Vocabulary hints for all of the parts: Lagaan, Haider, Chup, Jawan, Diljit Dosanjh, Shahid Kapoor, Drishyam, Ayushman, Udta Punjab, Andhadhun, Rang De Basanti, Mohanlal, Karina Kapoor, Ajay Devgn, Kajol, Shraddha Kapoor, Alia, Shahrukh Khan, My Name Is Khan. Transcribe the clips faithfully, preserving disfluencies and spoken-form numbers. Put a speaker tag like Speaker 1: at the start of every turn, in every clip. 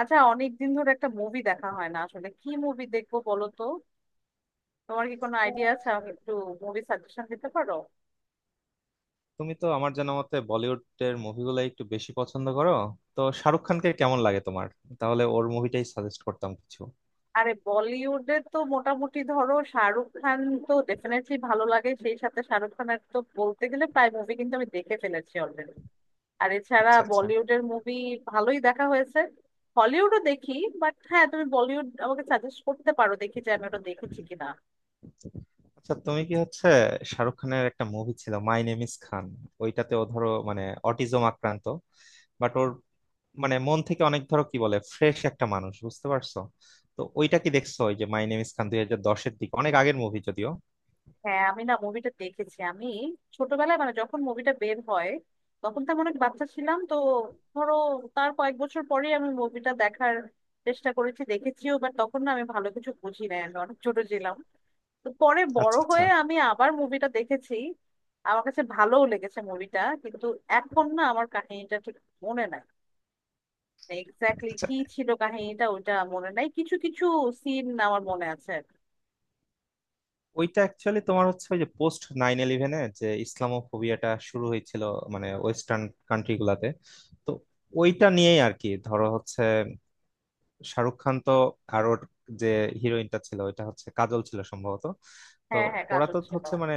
Speaker 1: আচ্ছা, অনেকদিন ধরে একটা মুভি দেখা হয় না। আসলে কি মুভি দেখবো বলো তো? তোমার কি কোনো আইডিয়া আছে? আমাকে একটু মুভি সাজেশন দিতে পারো?
Speaker 2: তুমি তো আমার জানা মতে বলিউডের মুভিগুলো একটু বেশি পছন্দ করো, তো শাহরুখ খানকে কেমন লাগে তোমার? তাহলে ওর মুভিটাই সাজেস্ট করতাম কিছু।
Speaker 1: আরে বলিউডে তো মোটামুটি ধরো শাহরুখ খান তো ডেফিনেটলি ভালো লাগে। সেই সাথে শাহরুখ খানের তো বলতে গেলে প্রায় মুভি কিন্তু আমি দেখে ফেলেছি অলরেডি। আর এছাড়া
Speaker 2: আচ্ছা আচ্ছা।
Speaker 1: বলিউডের মুভি ভালোই দেখা হয়েছে, হলিউডও দেখি। বাট হ্যাঁ, তুমি বলিউড আমাকে সাজেস্ট করতে পারো, দেখি যে আমি ওটা দেখেছি কিনা।
Speaker 2: আচ্ছা, তুমি কি হচ্ছে, শাহরুখ খানের একটা মুভি ছিল মাই নেম ইজ খান। ওইটাতে ও ধরো মানে অটিজম আক্রান্ত, বাট ওর মানে মন থেকে অনেক, ধরো কি বলে, ফ্রেশ একটা মানুষ, বুঝতে পারছো? তো ওইটা কি দেখছো, ওই যে মাই নেম ইজ খান, দুই হাজার দশের দিকে, অনেক আগের মুভি যদিও।
Speaker 1: হ্যাঁ, আমি না মুভিটা দেখেছি। আমি ছোটবেলায়, মানে যখন মুভিটা বের হয় তখন তো আমি অনেক বাচ্চা ছিলাম, তো ধরো তার কয়েক বছর পরে আমি মুভিটা দেখার চেষ্টা করেছি, দেখেছিও, বাট তখন না আমি ভালো কিছু বুঝি না, আমি অনেক ছোট ছিলাম। তো পরে বড়
Speaker 2: আচ্ছা আচ্ছা।
Speaker 1: হয়ে আমি আবার মুভিটা দেখেছি। আমার কাছে ভালোও লেগেছে মুভিটা, কিন্তু এখন না আমার কাহিনীটা ঠিক মনে নাই। এক্স্যাক্টলি
Speaker 2: আচ্ছা,
Speaker 1: কি ছিল কাহিনীটা ওটা মনে নাই, কিছু কিছু সিন আমার মনে আছে।
Speaker 2: ওইটা অ্যাকচুয়ালি তোমার হচ্ছে ওই যে পোস্ট নাইন ইলেভেনে যে ইসলামোফোবিয়াটা শুরু হয়েছিল মানে ওয়েস্টার্ন কান্ট্রি গুলাতে, তো ওইটা নিয়েই আর কি, ধরো হচ্ছে শাহরুখ খান তো, আর ওর যে হিরোইনটা ছিল ওইটা হচ্ছে কাজল ছিল সম্ভবত। তো
Speaker 1: হ্যাঁ হ্যাঁ,
Speaker 2: ওরা
Speaker 1: কাজল
Speaker 2: তো
Speaker 1: ছিল।
Speaker 2: হচ্ছে মানে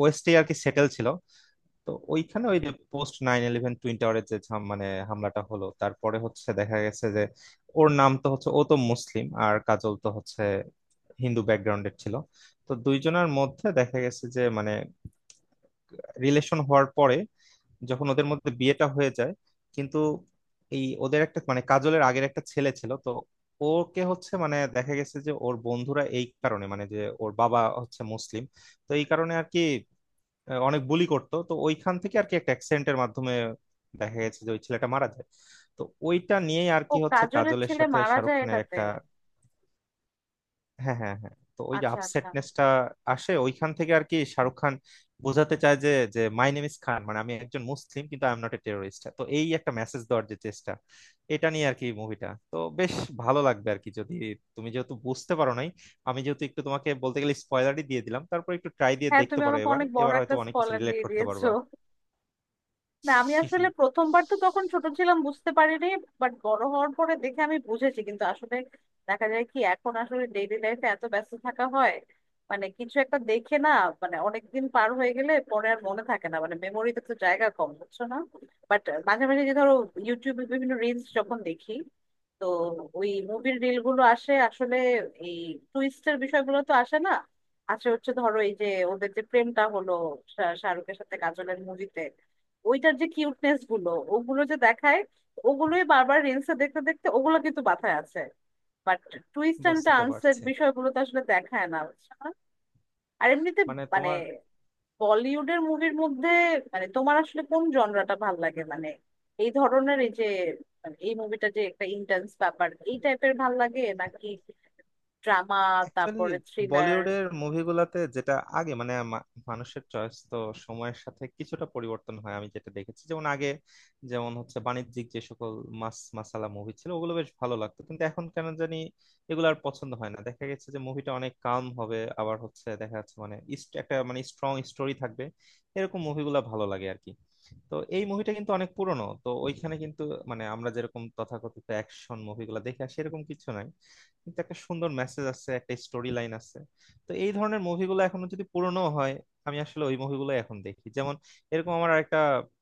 Speaker 2: ওয়েস্টে আর কি সেটেল ছিল। তো ওইখানে ওই যে পোস্ট নাইন ইলেভেন টুইন টাওয়ারের যে ঝাম- মানে হামলাটা হলো, তারপরে হচ্ছে দেখা গেছে যে ওর নাম তো হচ্ছে, ও তো মুসলিম আর কাজল তো হচ্ছে হিন্দু ব্যাকগ্রাউন্ডের ছিল। তো দুইজনের মধ্যে দেখা গেছে যে মানে রিলেশন হওয়ার পরে যখন ওদের মধ্যে বিয়েটা হয়ে যায় কিন্তু এই ওদের একটা মানে কাজলের আগের একটা ছেলে ছিল তো। ওকে হচ্ছে মানে দেখা গেছে যে ওর বন্ধুরা এই কারণে, মানে যে ওর বাবা হচ্ছে মুসলিম, তো এই কারণে আর কি আহ, অনেক বুলি করতো, তো ওইখান থেকে আর কি একটা অ্যাক্সেন্টের মাধ্যমে দেখা গেছে যে ওই ছেলেটা মারা যায়। তো ওইটা নিয়েই আর
Speaker 1: ও,
Speaker 2: কি হচ্ছে
Speaker 1: কাজলের
Speaker 2: কাজলের
Speaker 1: ছেলে
Speaker 2: সাথে
Speaker 1: মারা
Speaker 2: শাহরুখ
Speaker 1: যায়
Speaker 2: খানের
Speaker 1: এটাতে?
Speaker 2: একটা। হ্যাঁ হ্যাঁ হ্যাঁ, তো ওই যে
Speaker 1: আচ্ছা আচ্ছা।
Speaker 2: আপসেটনেসটা আসে ওইখান থেকে আর কি। শাহরুখ খান বোঝাতে চায় যে, যে মাই নেম ইজ খান মানে আমি একজন মুসলিম কিন্তু I am not a terrorist, তো এই একটা মেসেজ দেওয়ার যে চেষ্টা, এটা নিয়ে আর কি মুভিটা তো বেশ ভালো লাগবে আর কি, যদি তুমি যেহেতু বুঝতে পারো নাই, আমি যেহেতু একটু তোমাকে বলতে গেলে স্পয়লারই দিয়ে দিলাম, তারপর একটু ট্রাই দিয়ে
Speaker 1: হ্যাঁ,
Speaker 2: দেখতে
Speaker 1: তুমি
Speaker 2: পারো,
Speaker 1: আমাকে
Speaker 2: এবার
Speaker 1: অনেক বড়
Speaker 2: এবার
Speaker 1: একটা
Speaker 2: হয়তো অনেক কিছু
Speaker 1: স্পয়লার
Speaker 2: রিলেট
Speaker 1: দিয়ে
Speaker 2: করতে
Speaker 1: দিয়েছো।
Speaker 2: পারবা।
Speaker 1: না, আমি আসলে প্রথমবার তো তখন ছোট ছিলাম, বুঝতে পারিনি। বাট বড় হওয়ার পরে দেখে আমি বুঝেছি। কিন্তু আসলে দেখা যায় কি, এখন আসলে ডেইলি লাইফে এত ব্যস্ত থাকা হয়, মানে কিছু একটা দেখে না মানে অনেকদিন পার হয়ে গেলে পরে আর মনে থাকে না, মানে মেমোরিতে তো জায়গা কম, বুঝছো না? বাট মাঝে মাঝে যে ধরো ইউটিউবে বিভিন্ন রিলস যখন দেখি, তো ওই মুভির রিল গুলো আসে আসলে। এই টুইস্টের বিষয়গুলো তো আসে না, আসে হচ্ছে ধরো এই যে ওদের যে প্রেমটা হলো শা- শাহরুখের সাথে কাজলের মুভিতে, ওইটার যে কিউটনেস গুলো ওগুলো যে দেখায়, ওগুলোই বারবার রিলসে দেখতে দেখতে ওগুলো কিন্তু মাথায় আছে। বাট টুইস্ট অ্যান্ড
Speaker 2: বুঝতে
Speaker 1: টার্নস এর
Speaker 2: পারছি।
Speaker 1: বিষয়গুলো তো আসলে দেখায় না, বুঝছো না? আর এমনিতে
Speaker 2: মানে
Speaker 1: মানে
Speaker 2: তোমার
Speaker 1: বলিউডের মুভির মধ্যে মানে তোমার আসলে কোন জনরাটা ভাল লাগে? মানে এই ধরনের এই যে মানে এই মুভিটা যে একটা ইন্টেন্স ব্যাপার, এই টাইপের ভাল লাগে নাকি ড্রামা,
Speaker 2: অ্যাকচুয়ালি
Speaker 1: তারপরে থ্রিলার?
Speaker 2: বলিউডের মুভিগুলাতে যেটা আগে মানে মা- মানুষের চয়েস তো সময়ের সাথে কিছুটা পরিবর্তন হয়, আমি যেটা দেখেছি, যেমন আগে, যেমন হচ্ছে বাণিজ্যিক যে সকল মাস মাসালা মুভি ছিল ওগুলো বেশ ভালো লাগতো, কিন্তু এখন কেন জানি এগুলো আর পছন্দ হয় না। দেখা গেছে যে মুভিটা অনেক কাম হবে, আবার হচ্ছে দেখা যাচ্ছে মানে ইস- একটা মানে স্ট্রং স্টোরি থাকবে, এরকম মুভিগুলো ভালো লাগে আর কি। তো এই মুভিটা কিন্তু অনেক পুরনো, তো ওইখানে কিন্তু মানে আমরা যেরকম তথাকথিত অ্যাকশন মুভিগুলো দেখে আসি এরকম কিছু নাই, কিন্তু একটা সুন্দর মেসেজ আছে, একটা স্টোরি লাইন আছে। তো এই ধরনের মুভিগুলো এখনো যদি পুরনো হয় আমি আসলে ওই মুভিগুলো এখন দেখি। যেমন এরকম আমার একটা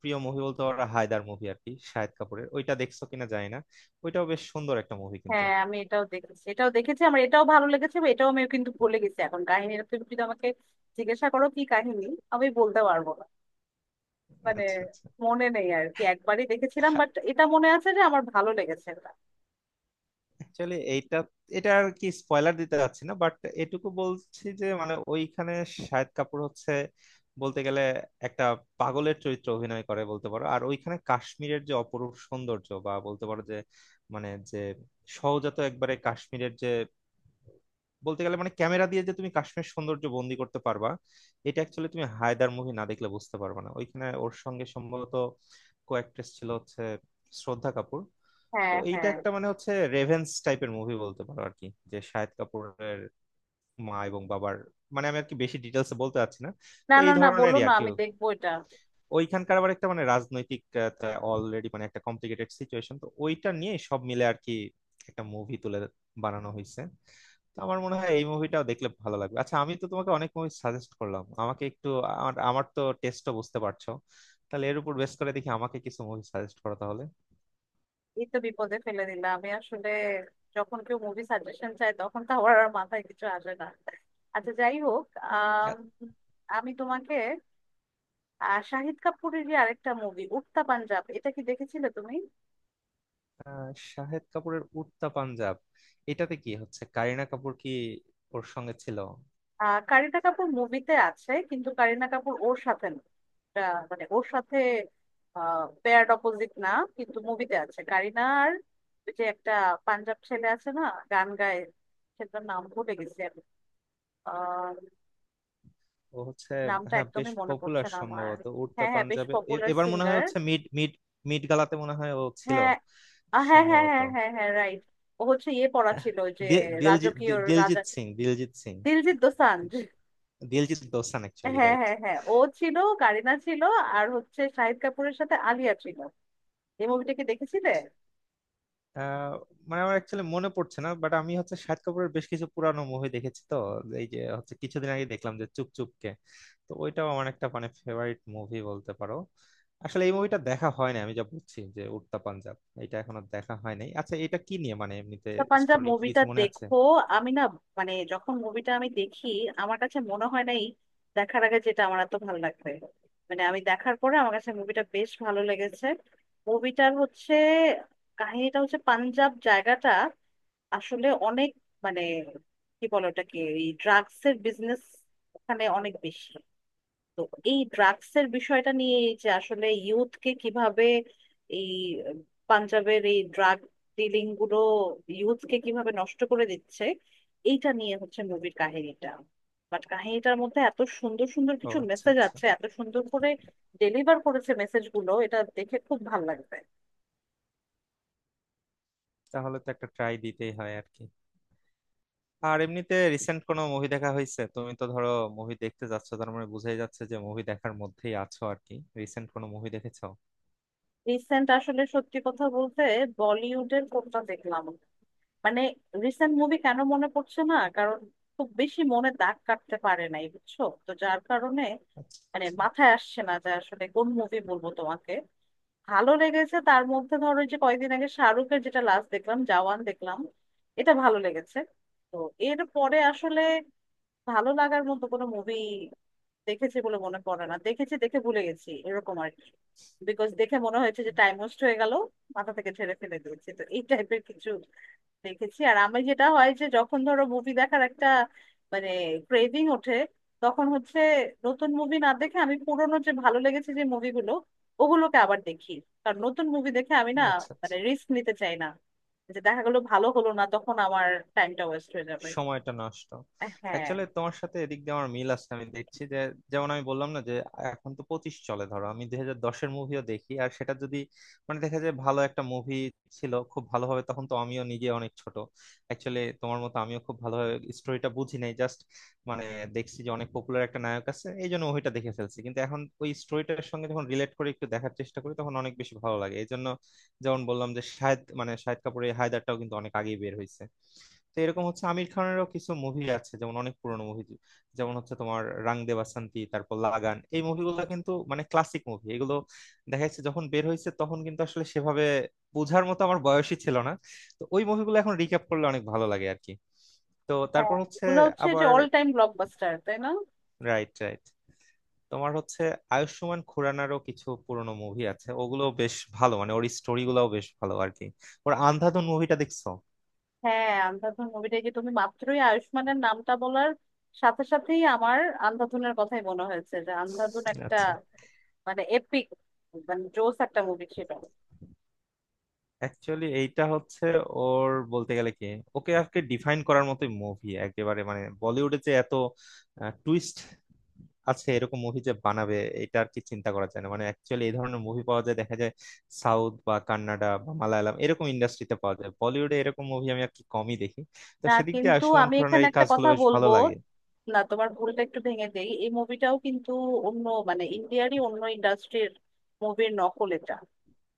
Speaker 2: প্রিয় মুভি বলতে পারো হায়দার মুভি আর কি, শাহিদ কাপুরের, ওইটা দেখছো কিনা জানি না, ওইটাও বেশ সুন্দর একটা মুভি কিন্তু।
Speaker 1: হ্যাঁ, আমি এটাও দেখেছি, এটাও দেখেছি, আমার এটাও ভালো লেগেছে। বা এটাও আমি কিন্তু ভুলে গেছি এখন কাহিনীটা। তুমি যদি আমাকে জিজ্ঞাসা করো কি কাহিনী, আমি বলতে পারবো না। মানে
Speaker 2: আচ্ছা আচ্ছা।
Speaker 1: মনে নেই আর কি, একবারই দেখেছিলাম। বাট এটা মনে আছে যে আমার ভালো লেগেছে এটা।
Speaker 2: অ্যাকচুয়ালি এইটা, এটা আর কি স্পয়লার দিতে যাচ্ছি না বাট এটুকু বলছি যে মানে ওইখানে শাহিদ কাপুর হচ্ছে বলতে গেলে একটা পাগলের চরিত্র অভিনয় করে বলতে পারো। আর ওইখানে কাশ্মীরের যে অপরূপ সৌন্দর্য, বা বলতে পারো যে মানে যে সহজাত একবারে কাশ্মীরের যে বলতে গেলে মানে ক্যামেরা দিয়ে যে তুমি কাশ্মীর সৌন্দর্য বন্দি করতে পারবা, এটা অ্যাকচুয়ালি তুমি হায়দার মুভি না দেখলে বুঝতে পারবে না। ওইখানে ওর সঙ্গে সম্ভবত কো ছিল হচ্ছে শ্রদ্ধা কাপুর। তো
Speaker 1: হ্যাঁ
Speaker 2: এইটা
Speaker 1: হ্যাঁ।
Speaker 2: একটা মানে হচ্ছে রেভেন্স টাইপের মুভি বলতে পারো আর কি, যে শাহিদ কাপুরের মা এবং বাবার, মানে আমি আর কি বেশি ডিটেলসে বলতে চাচ্ছি না। তো
Speaker 1: না
Speaker 2: এই
Speaker 1: না না, বলো
Speaker 2: ধরনেরই
Speaker 1: না,
Speaker 2: আর কি,
Speaker 1: আমি দেখবো এটা।
Speaker 2: ওইখানকার আবার একটা মানে রাজনৈতিক অলরেডি মানে একটা কমপ্লিকেটেড সিচুয়েশন, তো ওইটা নিয়ে সব মিলে আর কি একটা মুভি তুলে বানানো হয়েছে। তো আমার মনে হয় এই মুভিটাও দেখলে ভালো লাগবে। আচ্ছা, আমি তো তোমাকে অনেক মুভি সাজেস্ট করলাম, আমাকে একটু, আমার আমার তো টেস্টও বুঝতে পারছো, তাহলে এর উপর বেস করে দেখি আমাকে কিছু মুভি সাজেস্ট করো তাহলে।
Speaker 1: এই তো বিপদে ফেলে দিলাম। আমি আসলে যখন কেউ মুভি সাজেশন চায় তখন তো আমার আর মাথায় কিছু আসে না। আচ্ছা, যাই হোক। আম, আমি তোমাকে আহ, শাহিদ কাপুরের যে আরেকটা মুভি উড়তা পাঞ্জাব, এটা কি দেখেছিলে তুমি?
Speaker 2: আহ, শাহেদ কাপুরের উড়তা পাঞ্জাব, এটাতে কি হচ্ছে কারিনা কাপুর কি ওর সঙ্গে ছিল?
Speaker 1: আহ কারিনা কাপুর মুভিতে আছে, কিন্তু কারিনা কাপুর ওর সাথে না। এটা মানে ওর সাথে পেয়ার অপোজিট না, কিন্তু মুভিতে আছে কারিনা। আর ওই যে একটা পাঞ্জাব ছেলে আছে না, গান গায়, সেটার নাম ভুলে গেছি আমি।
Speaker 2: ও হচ্ছে,
Speaker 1: নামটা
Speaker 2: হ্যাঁ বেশ
Speaker 1: একদমই মনে পড়ছে
Speaker 2: পপুলার
Speaker 1: না আমার।
Speaker 2: সম্ভবত উড়তা
Speaker 1: হ্যাঁ হ্যাঁ, বেশ
Speaker 2: পাঞ্জাবে এ-
Speaker 1: পপুলার
Speaker 2: এবার মনে হয়
Speaker 1: সিঙ্গার।
Speaker 2: হচ্ছে মিড মিড মিড গালাতে মনে হয় ও ছিল
Speaker 1: হ্যাঁ। আহ, হ্যাঁ হ্যাঁ
Speaker 2: সম্ভবত।
Speaker 1: হ্যাঁ হ্যাঁ হ্যাঁ, রাইট। ও হচ্ছে ইয়ে পড়া ছিল ওই যে,
Speaker 2: দিলজিৎ
Speaker 1: রাজকীয়, রাজা,
Speaker 2: দিলজিৎ সিং দিলজিৎ সিং
Speaker 1: দিলজিৎ দোসাঞ্জ।
Speaker 2: দিলজিৎ দোসান অ্যাকচুয়ালি
Speaker 1: হ্যাঁ
Speaker 2: রাইট।
Speaker 1: হ্যাঁ হ্যাঁ, ও ছিল, কারিনা ছিল। আর হচ্ছে শাহিদ কাপুরের সাথে আলিয়া ছিল। এই মুভিটা কি দেখেছিলে?
Speaker 2: আহ, মানে আমার অ্যাকচুয়ালি মনে পড়ছে না, বাট আমি হচ্ছে শাহিদ কাপুরের বেশ কিছু পুরানো মুভি দেখেছি তো। এই যে হচ্ছে কিছুদিন আগে দেখলাম যে চুপ চুপ কে, তো ওইটাও আমার একটা মানে ফেভারিট মুভি বলতে পারো। আসলে এই মুভিটা দেখা হয় না, আমি যা বুঝছি যে উড়তা পাঞ্জাব এটা এখনো দেখা হয় নাই। আচ্ছা এটা কি নিয়ে মানে এমনিতে
Speaker 1: দ্য পাঞ্জাব
Speaker 2: স্টোরি কি
Speaker 1: মুভিটা
Speaker 2: কিছু মনে আছে?
Speaker 1: দেখো। আমি না, মানে যখন মুভিটা আমি দেখি, আমার কাছে মনে হয় নাই দেখার আগে যেটা আমার এত ভালো লাগবে। মানে আমি দেখার পরে আমার কাছে মুভিটা বেশ ভালো লেগেছে। মুভিটার হচ্ছে কাহিনীটা হচ্ছে পাঞ্জাব জায়গাটা আসলে অনেক মানে কি বলে ওটাকে, এই ড্রাগস এর বিজনেস ওখানে অনেক বেশি। তো এই ড্রাগস এর বিষয়টা নিয়ে, এই যে আসলে ইউথকে কিভাবে, এই পাঞ্জাবের এই ড্রাগ ডিলিং গুলো ইউথকে কিভাবে নষ্ট করে দিচ্ছে, এইটা নিয়ে হচ্ছে মুভির কাহিনীটা। বাট কাহিনীটার মধ্যে এত সুন্দর সুন্দর
Speaker 2: ও
Speaker 1: কিছু
Speaker 2: আচ্ছা
Speaker 1: মেসেজ
Speaker 2: আচ্ছা,
Speaker 1: আছে, এত সুন্দর করে ডেলিভার করেছে মেসেজ গুলো, এটা দেখে খুব ভালো লাগবে।
Speaker 2: তাহলে তো একটা ট্রাই দিতেই হয় আর কি। আর এমনিতে রিসেন্ট কোনো মুভি দেখা হয়েছে? তুমি তো ধরো মুভি দেখতে যাচ্ছ, তার মানে বোঝাই যাচ্ছে যে মুভি দেখার মধ্যেই আছো আর কি, রিসেন্ট কোনো মুভি দেখেছো?
Speaker 1: রিসেন্ট আসলে সত্যি কথা বলতে বলিউডের কোনটা দেখলাম মানে, রিসেন্ট মুভি কেন মনে পড়ছে না, কারণ খুব বেশি মনে দাগ কাটতে পারে নাই বুঝছো, তো যার কারণে
Speaker 2: আচ্ছা
Speaker 1: মানে
Speaker 2: আচ্ছা।
Speaker 1: মাথায় আসছে না যে আসলে কোন মুভি বলবো তোমাকে। ভালো লেগেছে তার মধ্যে ধরো এই যে কয়েকদিন আগে শাহরুখের যেটা লাস্ট দেখলাম, জওয়ান দেখলাম, এটা ভালো লেগেছে। তো এর পরে আসলে ভালো লাগার মতো কোনো মুভি দেখেছি বলে মনে পড়ে না। দেখেছি, দেখে ভুলে গেছি এরকম আর কি, বিকজ দেখে মনে হয়েছে যে টাইম ওয়েস্ট হয়ে গেল, মাথা থেকে ছেড়ে ফেলে দিয়েছি, তো এই টাইপের কিছু দেখেছি। আর আমি যেটা হয় যে যখন ধরো মুভি দেখার একটা মানে ক্রেভিং ওঠে, তখন হচ্ছে নতুন মুভি না দেখে আমি পুরোনো যে ভালো লেগেছে যে মুভিগুলো ওগুলোকে আবার দেখি। কারণ নতুন মুভি দেখে আমি না
Speaker 2: আচ্ছা
Speaker 1: মানে
Speaker 2: আচ্ছা।
Speaker 1: রিস্ক নিতে চাই না যে দেখা গেলো ভালো হলো না, তখন আমার টাইমটা ওয়েস্ট হয়ে যাবে।
Speaker 2: সময়টা নষ্ট।
Speaker 1: হ্যাঁ হ্যাঁ।
Speaker 2: অ্যাকচুয়ালি তোমার সাথে এদিক দিয়ে আমার মিল আছে, আমি দেখছি যে যেমন আমি বললাম না যে এখন তো পঁচিশ চলে, ধরো আমি দুই হাজার দশের মুভিও দেখি, আর সেটা যদি মানে দেখা যায় ভালো একটা মুভি ছিল খুব ভালোভাবে, তখন তো আমিও নিজে অনেক ছোট, অ্যাকচুয়ালি তোমার মতো আমিও খুব ভালোভাবে স্টোরিটা বুঝি নাই, জাস্ট মানে দেখছি যে অনেক পপুলার একটা নায়ক আছে এই জন্য মুভিটা দেখে ফেলছি, কিন্তু এখন ওই স্টোরিটার সঙ্গে যখন রিলেট করে একটু দেখার চেষ্টা করি তখন অনেক বেশি ভালো লাগে এই জন্য। যেমন বললাম যে শাহেদ মানে শাহেদ কাপুরের হায়দারটাও কিন্তু অনেক আগেই বের হয়েছে। তো এরকম হচ্ছে আমির খানেরও কিছু মুভি আছে, যেমন অনেক পুরনো মুভি, যেমন হচ্ছে তোমার রং দে বাসন্তী, তারপর লাগান, এই মুভিগুলো কিন্তু মানে ক্লাসিক মুভি এগুলো। দেখা যাচ্ছে যখন বের হয়েছে তখন কিন্তু আসলে সেভাবে বোঝার মতো আমার বয়সই ছিল না। তো ওই মুভিগুলো এখন রিক্যাপ করলে অনেক ভালো লাগে আর কি। তো তারপর হচ্ছে
Speaker 1: এগুলো হচ্ছে যে
Speaker 2: আবার,
Speaker 1: অল টাইম ব্লকবাস্টার, তাই না?
Speaker 2: Right right. তোমার হচ্ছে আয়ুষ্মান খুরানারও কিছু পুরনো মুভি আছে, ওগুলো বেশ ভালো মানে ওর স্টোরি গুলাও বেশ ভালো আর কি। ওর আন্ধাধুন মুভিটা দেখছো?
Speaker 1: হ্যাঁ, আন্ধাধুন মুভিটা যে, তুমি মাত্রই আয়ুষ্মানের নামটা বলার সাথে সাথেই আমার আন্ধাধুনের কথাই মনে হয়েছে যে আন্ধাধুন একটা
Speaker 2: আচ্ছা,
Speaker 1: মানে এপিক, মানে জোস একটা মুভি ছিল।
Speaker 2: অ্যাকচুয়ালি এইটা হচ্ছে ওর বলতে গেলে কি, ওকে আজকে ডিফাইন করার মতোই মুভি একেবারে, মানে বলিউডে যে এত টুইস্ট আছে এরকম মুভি যে বানাবে এটা আর কি চিন্তা করা যায় না। মানে অ্যাকচুয়ালি এই ধরনের মুভি পাওয়া যায় দেখা যায় সাউথ বা কান্নাডা বা মালায়ালাম এরকম ইন্ডাস্ট্রিতে পাওয়া যায়, বলিউডে এরকম মুভি আমি আর কি কমই দেখি। তো
Speaker 1: না,
Speaker 2: সেদিক দিয়ে
Speaker 1: কিন্তু
Speaker 2: আয়ুষ্মান
Speaker 1: আমি
Speaker 2: খুরানার
Speaker 1: এখানে
Speaker 2: এই
Speaker 1: একটা
Speaker 2: কাজগুলো
Speaker 1: কথা
Speaker 2: বেশ ভালো
Speaker 1: বলবো।
Speaker 2: লাগে।
Speaker 1: না, তোমার ভুলটা একটু ভেঙে দেই। এই মুভিটাও কিন্তু অন্য মানে ইন্ডিয়ারই অন্য ইন্ডাস্ট্রির মুভির নকল এটা।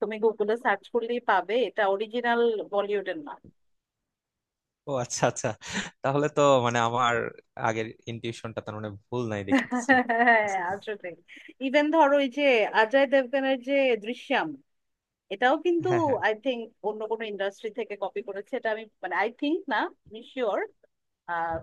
Speaker 1: তুমি গুগলে সার্চ করলেই পাবে, এটা অরিজিনাল বলিউডের না।
Speaker 2: ও আচ্ছা আচ্ছা, তাহলে তো মানে আমার আগের ইনটিউশনটা তার মানে ভুল নাই দেখতেছি।
Speaker 1: হ্যাঁ, আসলে ইভেন ধরো এই যে অজয় দেবগনের যে দৃশ্যম, এটাও কিন্তু
Speaker 2: হ্যাঁ হ্যাঁ।
Speaker 1: আই থিংক অন্য কোনো ইন্ডাস্ট্রি থেকে কপি করেছে। এটা আমি মানে আই থিংক না, আমি শিওর।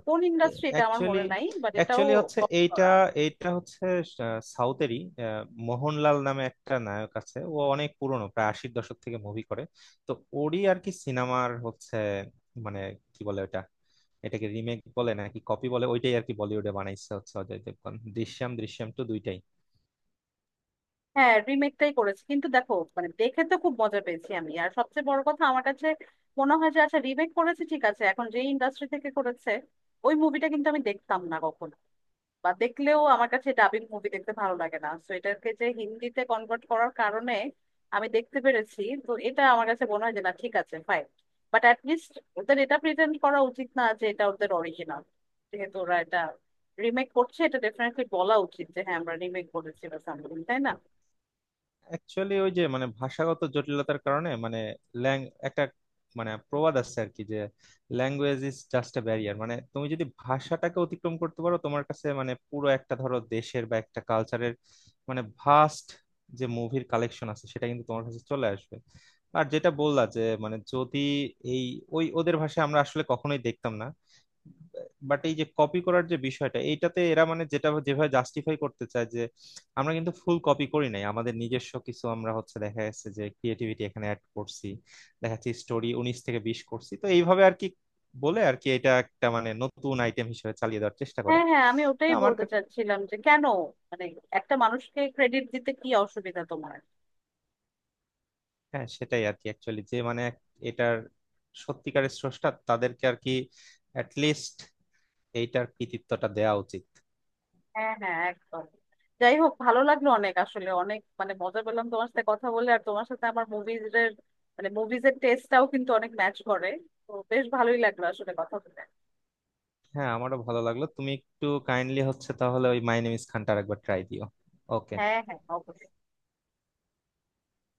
Speaker 1: কোন ইন্ডাস্ট্রি এটা আমার
Speaker 2: অ্যাকচুয়ালি
Speaker 1: মনে নাই, বাট এটাও
Speaker 2: অ্যাকচুয়ালি হচ্ছে
Speaker 1: কপি
Speaker 2: এইটা,
Speaker 1: করা।
Speaker 2: এইটা হচ্ছে আহ, সাউথেরই। আহ, মোহনলাল নামে একটা নায়ক আছে, ও অনেক পুরনো, প্রায় আশির দশক থেকে মুভি করে। তো ওরই আর কি সিনেমার হচ্ছে মানে কি বলে ওটা, এটাকে রিমেক বলে নাকি কপি বলে, ওইটাই আর কি বলিউডে বানাইছে হচ্ছে অজয় দেবগন দৃশ্যম দৃশ্যম টু দুইটাই।
Speaker 1: হ্যাঁ, রিমেকটাই করেছে, কিন্তু দেখো মানে দেখে তো খুব মজা পেয়েছি আমি। আর সবচেয়ে বড় কথা আমার কাছে মনে হয় যে আচ্ছা, রিমেক করেছে, ঠিক আছে, এখন যে ইন্ডাস্ট্রি থেকে করেছে ওই মুভিটা কিন্তু আমি দেখতাম না কখনো, বা দেখলেও আমার কাছে ডাবিং মুভি দেখতে ভালো লাগে না। তো এটাকে যে হিন্দিতে কনভার্ট করার কারণে আমি দেখতে পেরেছি, তো এটা আমার কাছে মনে হয় যে না, ঠিক আছে, ফাইন। বাট অ্যাটলিস্ট ওদের এটা প্রেজেন্ট করা উচিত না যে এটা ওদের অরিজিনাল। যেহেতু ওরা এটা রিমেক করছে, এটা ডেফিনেটলি বলা উচিত যে হ্যাঁ, আমরা রিমেক করেছি বা সামথিং, তাই না?
Speaker 2: অ্যাকচুয়ালি ওই যে মানে ভাষাগত জটিলতার কারণে মানে ল্যাং একটা মানে প্রবাদ আছে আর কি যে language is just a barrier, মানে তুমি যদি ভাষাটাকে অতিক্রম করতে পারো তোমার কাছে মানে পুরো একটা ধরো দেশের বা একটা কালচারের মানে ভাস্ট যে মুভির কালেকশন আছে সেটা কিন্তু তোমার কাছে চলে আসবে। আর যেটা বললা যে মানে যদি এই ওই ওদের ভাষায় আমরা আসলে কখনোই দেখতাম না। বাট এই যে কপি করার যে বিষয়টা, এইটাতে এরা মানে যেটা যেভাবে জাস্টিফাই করতে চায় যে আমরা কিন্তু ফুল কপি করি নাই, আমাদের নিজস্ব কিছু আমরা হচ্ছে দেখা যাচ্ছে যে ক্রিয়েটিভিটি এখানে অ্যাড করছি, দেখা যাচ্ছে স্টোরি উনিশ থেকে বিশ করছি, তো এইভাবে আর কি বলে আর কি এটা একটা মানে নতুন আইটেম হিসেবে চালিয়ে দেওয়ার চেষ্টা করে।
Speaker 1: হ্যাঁ হ্যাঁ, আমি
Speaker 2: তো
Speaker 1: ওটাই
Speaker 2: আমার
Speaker 1: বলতে
Speaker 2: কা-
Speaker 1: চাচ্ছিলাম যে কেন মানে একটা মানুষকে ক্রেডিট দিতে কি অসুবিধা তোমার?
Speaker 2: হ্যাঁ সেটাই আর কি অ্যাকচুয়ালি যে মানে এক- এটার সত্যিকারের স্রষ্টা তাদেরকে আর কি লিস্ট এইটার কৃতিত্বটা দেওয়া উচিত।
Speaker 1: হ্যাঁ হ্যাঁ, একদম। যাই হোক, ভালো লাগলো অনেক, আসলে অনেক মানে মজা পেলাম তোমার সাথে কথা বলে। আর তোমার সাথে আমার মুভিজ এর মানে মুভিজ এর টেস্টটাও কিন্তু অনেক ম্যাচ করে, তো বেশ ভালোই লাগলো আসলে কথা বলে।
Speaker 2: হ্যাঁ আমারও ভালো লাগলো, তুমি একটু কাইন্ডলি হচ্ছে তাহলে ওই মাই নেম ইজ খানটার একবার ট্রাই দিও। ওকে।
Speaker 1: হ্যাঁ হ্যাঁ, অবশ্যই।